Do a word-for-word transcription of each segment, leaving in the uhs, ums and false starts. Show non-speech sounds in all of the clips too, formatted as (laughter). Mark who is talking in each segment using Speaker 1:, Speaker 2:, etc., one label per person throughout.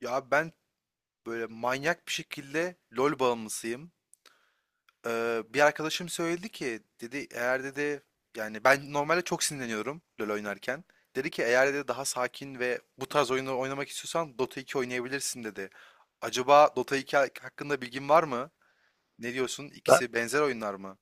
Speaker 1: Ya ben böyle manyak bir şekilde LoL bağımlısıyım. Ee, bir arkadaşım söyledi ki dedi eğer dedi yani ben normalde çok sinirleniyorum LoL oynarken. Dedi ki eğer dedi daha sakin ve bu tarz oyunları oynamak istiyorsan Dota iki oynayabilirsin dedi. Acaba Dota iki ha- hakkında bilgin var mı? Ne diyorsun?
Speaker 2: Ben,
Speaker 1: İkisi benzer oyunlar mı?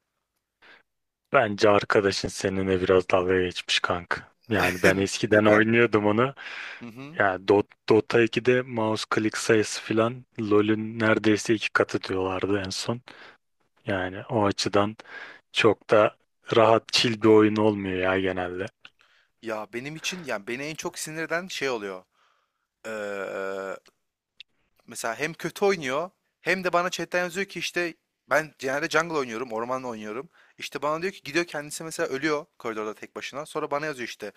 Speaker 2: Bence arkadaşın seninle biraz dalga geçmiş kanka. Yani ben
Speaker 1: (laughs)
Speaker 2: eskiden
Speaker 1: Neden?
Speaker 2: oynuyordum onu.
Speaker 1: Hı hı.
Speaker 2: Yani Dot, Dota ikide mouse click sayısı filan LoL'ün neredeyse iki katı diyorlardı en son. Yani o açıdan çok da rahat chill bir oyun olmuyor ya genelde.
Speaker 1: Ya benim için yani beni en çok sinir eden şey oluyor. Ee, Mesela hem kötü oynuyor hem de bana chatten yazıyor ki işte ben genelde jungle oynuyorum, ormanla oynuyorum. İşte bana diyor ki gidiyor kendisi mesela ölüyor koridorda tek başına. Sonra bana yazıyor işte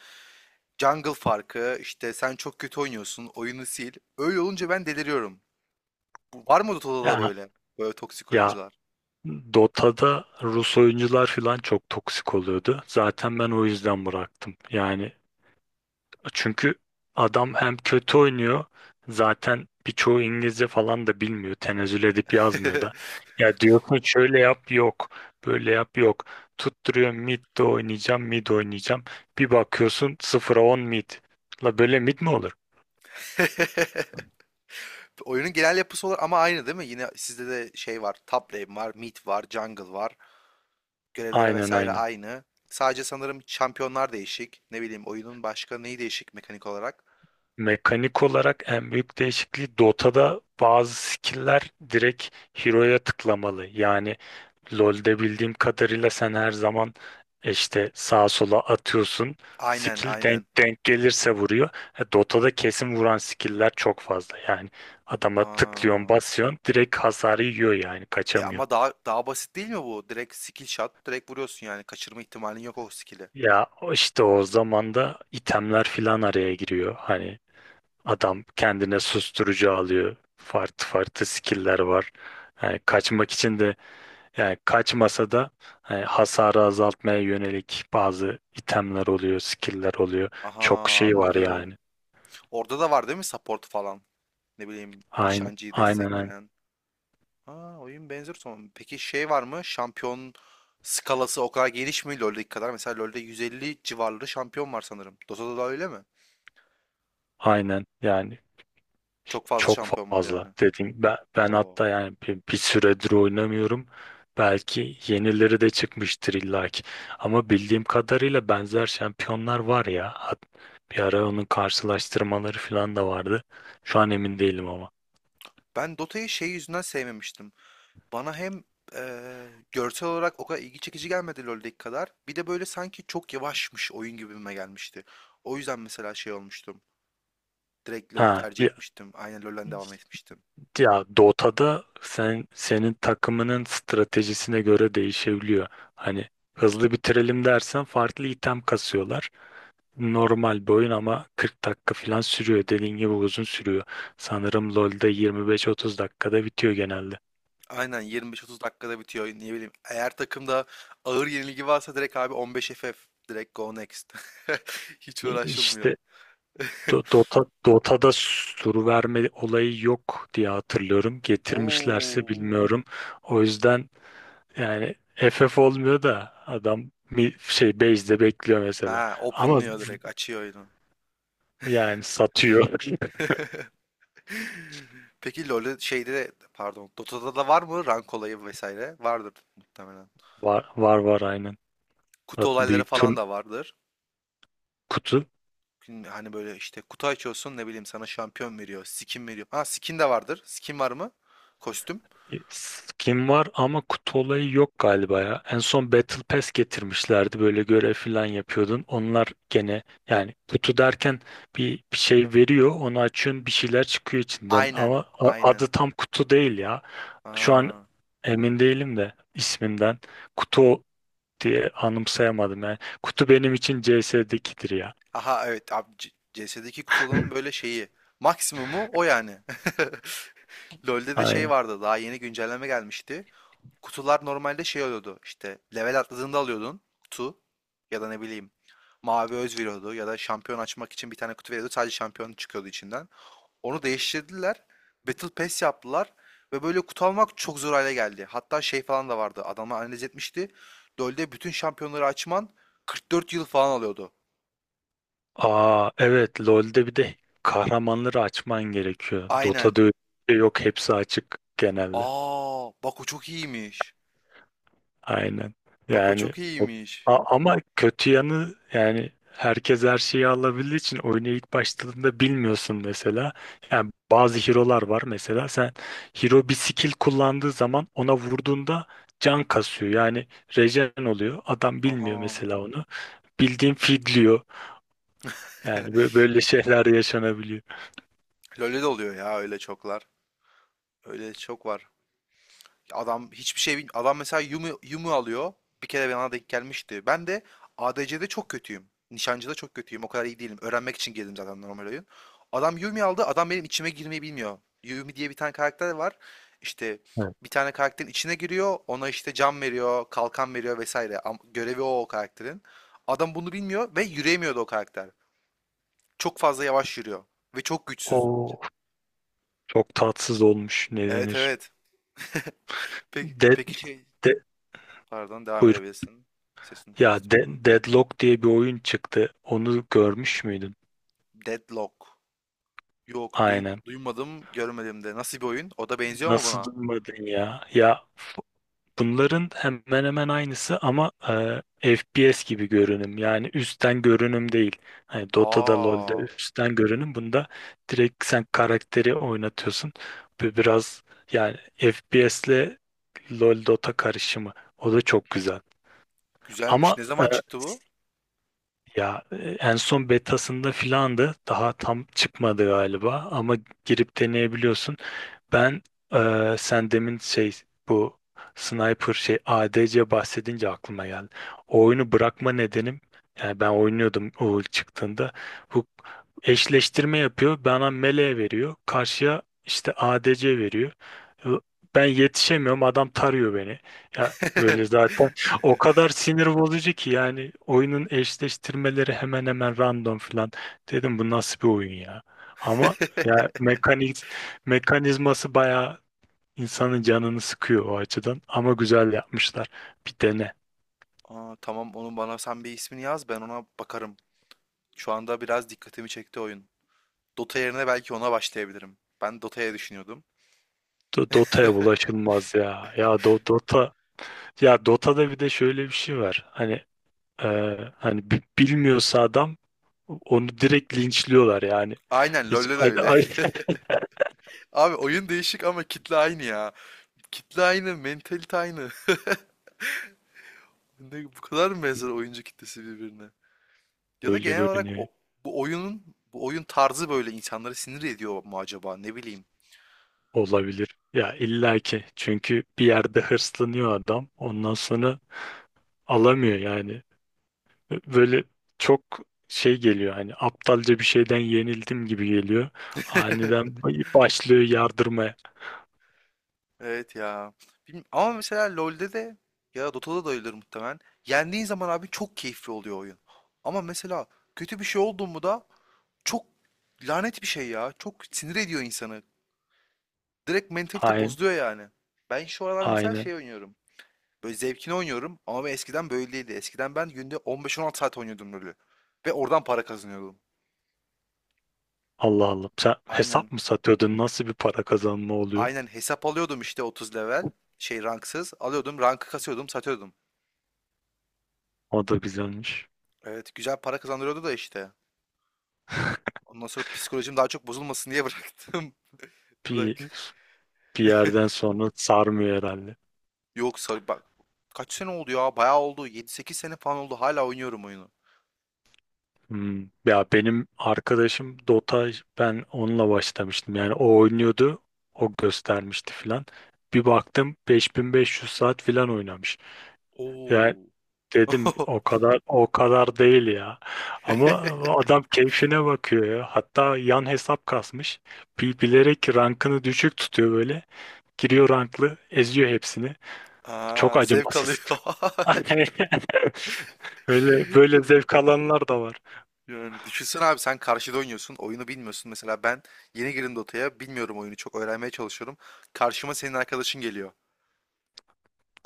Speaker 1: jungle farkı, işte sen çok kötü oynuyorsun, oyunu sil. Öyle olunca ben deliriyorum. Bu- Var mı Dota'da da
Speaker 2: Ya,
Speaker 1: böyle? Böyle toksik
Speaker 2: ya
Speaker 1: oyuncular.
Speaker 2: Dota'da Rus oyuncular filan çok toksik oluyordu. Zaten ben o yüzden bıraktım. Yani çünkü adam hem kötü oynuyor, zaten birçoğu İngilizce falan da bilmiyor. Tenezzül edip yazmıyor da.
Speaker 1: (laughs)
Speaker 2: Ya diyorsun şöyle yap, yok. Böyle yap, yok. Tutturuyor mid de oynayacağım, mid oynayacağım. Bir bakıyorsun sıfıra on mid. La böyle mid mi olur?
Speaker 1: Oyunun genel yapısı olur ama aynı değil mi? Yine sizde de şey var. Top lane var, mid var, jungle var. Görevler
Speaker 2: Aynen,
Speaker 1: vesaire
Speaker 2: aynen.
Speaker 1: aynı. Sadece sanırım şampiyonlar değişik. Ne bileyim oyunun başka neyi değişik mekanik olarak?
Speaker 2: Mekanik olarak en büyük değişikliği Dota'da bazı skill'ler direkt hero'ya tıklamalı. Yani LoL'de bildiğim kadarıyla sen her zaman e, işte sağa sola atıyorsun.
Speaker 1: Aynen
Speaker 2: Skill
Speaker 1: aynen.
Speaker 2: denk denk gelirse vuruyor. E, Dota'da kesin vuran skill'ler çok fazla. Yani adama tıklıyorsun,
Speaker 1: Aa,
Speaker 2: basıyorsun, direkt hasarı yiyor, yani
Speaker 1: e
Speaker 2: kaçamıyor.
Speaker 1: ama daha daha basit değil mi bu? Direkt skill shot, direkt vuruyorsun yani. Kaçırma ihtimalin yok o skill'i.
Speaker 2: Ya o işte o zaman da itemler filan araya giriyor. Hani adam kendine susturucu alıyor. Farklı farklı skill'ler var. Yani kaçmak için de. Yani kaçmasa da hani hasarı azaltmaya yönelik bazı itemler oluyor, skill'ler oluyor.
Speaker 1: Aha,
Speaker 2: Çok şey var
Speaker 1: anladım.
Speaker 2: yani.
Speaker 1: Orada da var değil mi support falan? Ne bileyim
Speaker 2: Aynen,
Speaker 1: nişancıyı
Speaker 2: aynen, aynen.
Speaker 1: destekleyen. Ha, oyun benzer son. Peki şey var mı? Şampiyon skalası o kadar geniş mi LoL'deki kadar? Mesela LoL'de yüz elli civarları şampiyon var sanırım. Dota'da da öyle mi?
Speaker 2: Aynen. Yani
Speaker 1: Çok fazla
Speaker 2: çok
Speaker 1: şampiyon var yani.
Speaker 2: fazla dediğim. Ben, ben
Speaker 1: Oo.
Speaker 2: hatta yani bir, bir süredir oynamıyorum. Belki yenileri de çıkmıştır illaki. Ama bildiğim kadarıyla benzer şampiyonlar var ya. Hat- Bir ara onun karşılaştırmaları falan da vardı. Şu an emin değilim ama.
Speaker 1: Ben Dota'yı şey yüzünden sevmemiştim. Bana hem eee, görsel olarak o kadar ilgi çekici gelmedi LoL'deki kadar. Bir de böyle sanki çok yavaşmış oyun gibime gelmişti. O yüzden mesela şey olmuştum. Direkt LoL'ü
Speaker 2: Ha,
Speaker 1: tercih etmiştim. Aynen LoL'den devam
Speaker 2: bir
Speaker 1: etmiştim.
Speaker 2: Ya Dota'da sen senin takımının stratejisine göre değişebiliyor. Hani hızlı bitirelim dersen farklı item kasıyorlar. Normal bir oyun ama kırk dakika falan sürüyor. Dediğin gibi uzun sürüyor. Sanırım LoL'de yirmi beş otuz dakikada bitiyor genelde.
Speaker 1: Aynen yirmi beş otuz dakikada bitiyor. Ne bileyim. Eğer takımda ağır yenilgi varsa direkt abi on beş F F. Direkt go next. (laughs) Hiç
Speaker 2: E,
Speaker 1: uğraşılmıyor.
Speaker 2: İşte
Speaker 1: (laughs)
Speaker 2: Do- Dota, Dota'da sur verme olayı yok diye hatırlıyorum. Getirmişlerse
Speaker 1: Oo.
Speaker 2: bilmiyorum. O yüzden yani F F olmuyor da adam mi- şey base'de bekliyor mesela.
Speaker 1: Ha,
Speaker 2: Ama
Speaker 1: openlıyor direkt. Açıyor oyunu.
Speaker 2: yani satıyor.
Speaker 1: (laughs) Peki LoL'de şeyde de- pardon Dota'da da var mı rank olayı vesaire? Vardır muhtemelen.
Speaker 2: (laughs) Var, var, var, aynen.
Speaker 1: Kutu
Speaker 2: Zaten
Speaker 1: olayları
Speaker 2: büyük tur
Speaker 1: falan da vardır.
Speaker 2: kutu.
Speaker 1: Gün- Hani böyle işte kutu açıyorsun ne bileyim sana şampiyon veriyor, skin veriyor. Ha, skin de vardır. Skin var mı? Kostüm.
Speaker 2: Skin var ama kutu olayı yok galiba ya. En son Battle Pass getirmişlerdi. Böyle görev falan yapıyordun. Onlar gene yani kutu derken bir, bir şey veriyor. Onu açıyorsun, bir şeyler çıkıyor içinden.
Speaker 1: Aynen.
Speaker 2: Ama a-
Speaker 1: Aynen.
Speaker 2: adı tam kutu değil ya. Şu an
Speaker 1: Aa.
Speaker 2: emin değilim de isminden. Kutu diye anımsayamadım yani. Kutu benim için C S'dekidir ya.
Speaker 1: Aha, evet abi C- CS'deki kutuların böyle
Speaker 2: (laughs)
Speaker 1: şeyi. Maksimumu o yani. (laughs) LoL'de de şey
Speaker 2: Aynen.
Speaker 1: vardı, daha yeni güncelleme gelmişti. Kutular normalde şey oluyordu işte level atladığında alıyordun kutu ya da ne bileyim mavi öz veriyordu ya da şampiyon açmak için bir tane kutu veriyordu, sadece şampiyon çıkıyordu içinden. Onu değiştirdiler. Battle Pass yaptılar ve böyle kutu almak çok zor hale geldi. Hatta şey falan da vardı, adamlar analiz etmişti. LoL'de bütün şampiyonları açman kırk dört yıl falan alıyordu.
Speaker 2: Aa, evet, LoL'de bir de kahramanları açman gerekiyor.
Speaker 1: Aynen.
Speaker 2: Dota'da öyle bir şey yok, hepsi açık genelde.
Speaker 1: Aa, bak o çok iyiymiş.
Speaker 2: Aynen.
Speaker 1: Bak o
Speaker 2: Yani
Speaker 1: çok
Speaker 2: o-
Speaker 1: iyiymiş.
Speaker 2: A- ama kötü yanı, yani herkes her şeyi alabildiği için oyuna ilk başladığında bilmiyorsun mesela. Yani bazı hero'lar var, mesela sen hero bir skill kullandığı zaman ona vurduğunda can kasıyor. Yani regen oluyor. Adam bilmiyor
Speaker 1: Aha.
Speaker 2: mesela onu. Bildiğin fidliyor. Yani
Speaker 1: (laughs)
Speaker 2: bö- böyle şeyler yaşanabiliyor.
Speaker 1: LoL'de de oluyor ya, öyle çoklar. Öyle çok var. Adam hiçbir şey bilmiyor. Adam mesela Yumu, Yumu alıyor. Bir kere bana denk gelmişti. Ben de A D C'de çok kötüyüm. Nişancı'da çok kötüyüm. O kadar iyi değilim. Öğrenmek için girdim zaten normal oyun. Adam Yumi aldı. Adam benim içime girmeyi bilmiyor. Yumi diye bir tane karakter var. İşte
Speaker 2: Evet.
Speaker 1: bir tane karakterin içine giriyor. Ona işte cam veriyor, kalkan veriyor vesaire. Am- Görevi o, o karakterin. Adam bunu bilmiyor ve yürüyemiyordu o karakter. Çok fazla yavaş yürüyor. Ve çok güçsüz.
Speaker 2: O çok tatsız olmuş. Ne
Speaker 1: Evet,
Speaker 2: denir?
Speaker 1: evet. (laughs) Peki,
Speaker 2: Dead,
Speaker 1: peki şey...
Speaker 2: de,
Speaker 1: Pardon, devam
Speaker 2: Buyur.
Speaker 1: edebilirsin. Sesini
Speaker 2: Ya
Speaker 1: kestim.
Speaker 2: de, Deadlock diye bir oyun çıktı. Onu görmüş müydün?
Speaker 1: Deadlock. Yok, duy-
Speaker 2: Aynen.
Speaker 1: duymadım, görmedim de. Nasıl bir oyun? O da benziyor mu
Speaker 2: Nasıl
Speaker 1: buna?
Speaker 2: duymadın ya? Ya bunların hemen hemen aynısı ama e, F P S gibi görünüm, yani üstten görünüm değil. Hani Dota'da, LoL'de
Speaker 1: Aa,
Speaker 2: üstten görünüm, bunda direkt sen karakteri oynatıyorsun. Bu biraz yani F P S'le LoL Dota karışımı, o da çok güzel.
Speaker 1: güzelmiş.
Speaker 2: Ama
Speaker 1: Ne
Speaker 2: e,
Speaker 1: zaman çıktı bu?
Speaker 2: ya e, en son betasında filandı. Daha tam çıkmadı galiba ama girip deneyebiliyorsun. Ben e, Sen demin şey, bu sniper şey A D C bahsedince aklıma geldi. O oyunu bırakma nedenim, yani ben oynuyordum o ilk çıktığında. Bu eşleştirme yapıyor. Bana melee veriyor. Karşıya işte A D C veriyor. Ben yetişemiyorum. Adam tarıyor beni. Ya böyle
Speaker 1: (laughs)
Speaker 2: zaten o kadar sinir bozucu ki yani, oyunun eşleştirmeleri hemen hemen random falan. Dedim bu nasıl bir oyun ya? Ama ya mekaniz mekanizması bayağı insanın canını sıkıyor o açıdan, ama güzel yapmışlar. Bir dene.
Speaker 1: Aa, tamam, onu bana sen bir ismini yaz, ben ona bakarım. Şu anda biraz dikkatimi çekti oyun. Dota yerine belki ona başlayabilirim. Ben Dota'ya düşünüyordum.
Speaker 2: Do- Dota'ya bulaşılmaz ya. Ya Do- Dota ya Dota'da bir de şöyle bir şey var. Hani e, hani bi- bilmiyorsa adam onu direkt linçliyorlar yani.
Speaker 1: Aynen,
Speaker 2: Hiç
Speaker 1: LoL'de de
Speaker 2: a-
Speaker 1: öyle.
Speaker 2: a-
Speaker 1: (laughs) Abi oyun değişik ama kitle aynı ya. Kitle aynı, mentalite aynı. (laughs) Ne, bu kadar mı benzer
Speaker 2: (laughs)
Speaker 1: oyuncu kitlesi birbirine? Ya da
Speaker 2: Öyle
Speaker 1: genel olarak
Speaker 2: görünüyor.
Speaker 1: o- bu oyunun bu oyun tarzı böyle insanları sinir ediyor mu acaba? Ne bileyim.
Speaker 2: Olabilir. Ya illaki. Çünkü bir yerde hırslanıyor adam. Ondan sonra alamıyor yani. Böyle çok şey geliyor, hani aptalca bir şeyden yenildim gibi geliyor.
Speaker 1: (laughs)
Speaker 2: Aniden başlıyor yardırmaya.
Speaker 1: Evet ya. Bilmiyorum. Ama mesela LoL'de de ya da Dota'da da öyledir muhtemelen. Yendiğin zaman abi çok keyifli oluyor oyun. Ama mesela kötü bir şey oldu mu da çok lanet bir şey ya. Çok sinir ediyor insanı. Direkt mentalite
Speaker 2: Aynen.
Speaker 1: bozuluyor yani. Ben şu aralar mesela
Speaker 2: Aynen.
Speaker 1: şey oynuyorum. Böyle zevkini oynuyorum ama ben eskiden böyleydi. Eskiden ben günde on beş on altı saat oynuyordum LoL'ü. Ve oradan para kazanıyordum.
Speaker 2: Allah Allah. Sen
Speaker 1: Aynen.
Speaker 2: hesap mı satıyordun? Nasıl bir para kazanma oluyor?
Speaker 1: Aynen hesap alıyordum işte otuz level. Şey, ranksız. Alıyordum, rankı kasıyordum, satıyordum.
Speaker 2: O da güzelmiş.
Speaker 1: Evet, güzel para kazandırıyordu da işte. Ondan sonra psikolojim daha çok bozulmasın diye bıraktım. (laughs)
Speaker 2: Bir,
Speaker 1: Bırak.
Speaker 2: bir yerden
Speaker 1: (laughs)
Speaker 2: sonra sarmıyor herhalde.
Speaker 1: Yok, sar bak. Kaç sene oldu ya? Bayağı oldu. Yedi sekiz sene falan oldu. Hala oynuyorum oyunu.
Speaker 2: Hmm, Ya benim arkadaşım Dota, ben onunla başlamıştım. Yani o oynuyordu. O göstermişti filan. Bir baktım beş bin beş yüz saat filan oynamış. Yani
Speaker 1: Oo.
Speaker 2: dedim
Speaker 1: (laughs)
Speaker 2: o kadar o kadar değil ya. Ama adam keyfine bakıyor ya. Hatta yan hesap kasmış. Bi- Bilerek rankını düşük tutuyor böyle. Giriyor ranklı, eziyor hepsini. Çok
Speaker 1: Aa, zevk
Speaker 2: acımasız.
Speaker 1: alıyor.
Speaker 2: (laughs) Öyle böyle
Speaker 1: (laughs)
Speaker 2: zevk alanlar da var.
Speaker 1: Yani düşünsene abi, sen karşıda oynuyorsun. Oyunu bilmiyorsun. Mesela ben yeni girdim Dota'ya. Bilmiyorum oyunu, çok öğrenmeye çalışıyorum. Karşıma senin arkadaşın geliyor.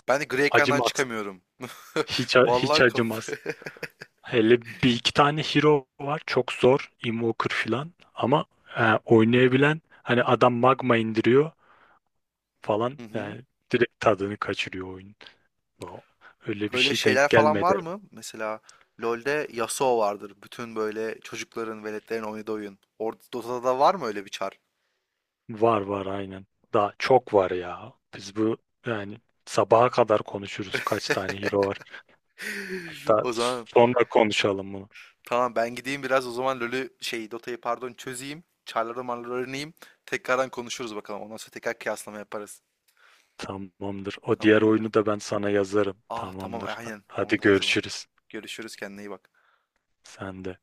Speaker 1: Ben de gri ekrandan
Speaker 2: Acımaz.
Speaker 1: çıkamıyorum. (laughs)
Speaker 2: Hiç, a- hiç
Speaker 1: Vallahi kapı.
Speaker 2: acımaz.
Speaker 1: (laughs)
Speaker 2: Hele bir iki tane hero var. Çok zor. Invoker falan. Ama e, oynayabilen hani adam magma indiriyor falan.
Speaker 1: Hı hı.
Speaker 2: Yani direkt tadını kaçırıyor oyun. Bu- Öyle bir
Speaker 1: Böyle
Speaker 2: şey denk
Speaker 1: şeyler falan
Speaker 2: gelmedi.
Speaker 1: var mı? Mesela LoL'de Yasuo vardır. Bütün böyle çocukların, veletlerin oynadığı oyun. Or Dota'da da var mı öyle bir çar?
Speaker 2: Var, var, aynen. Daha çok var ya. Biz bu yani sabaha kadar konuşuruz kaç tane hero var.
Speaker 1: (laughs)
Speaker 2: Hatta
Speaker 1: O zaman
Speaker 2: sonra konuşalım bunu.
Speaker 1: tamam, ben gideyim biraz o zaman LoL'ü şey Dota'yı pardon çözeyim. Çarları marları öğreneyim. Tekrardan konuşuruz bakalım. Ondan sonra tekrar kıyaslama yaparız.
Speaker 2: Tamamdır. O diğer
Speaker 1: Tamamdır.
Speaker 2: oyunu da ben sana yazarım.
Speaker 1: Ah tamam,
Speaker 2: Tamamdır.
Speaker 1: aynen onu
Speaker 2: Hadi
Speaker 1: da yazalım.
Speaker 2: görüşürüz.
Speaker 1: Görüşürüz, kendine iyi bak.
Speaker 2: Sen de.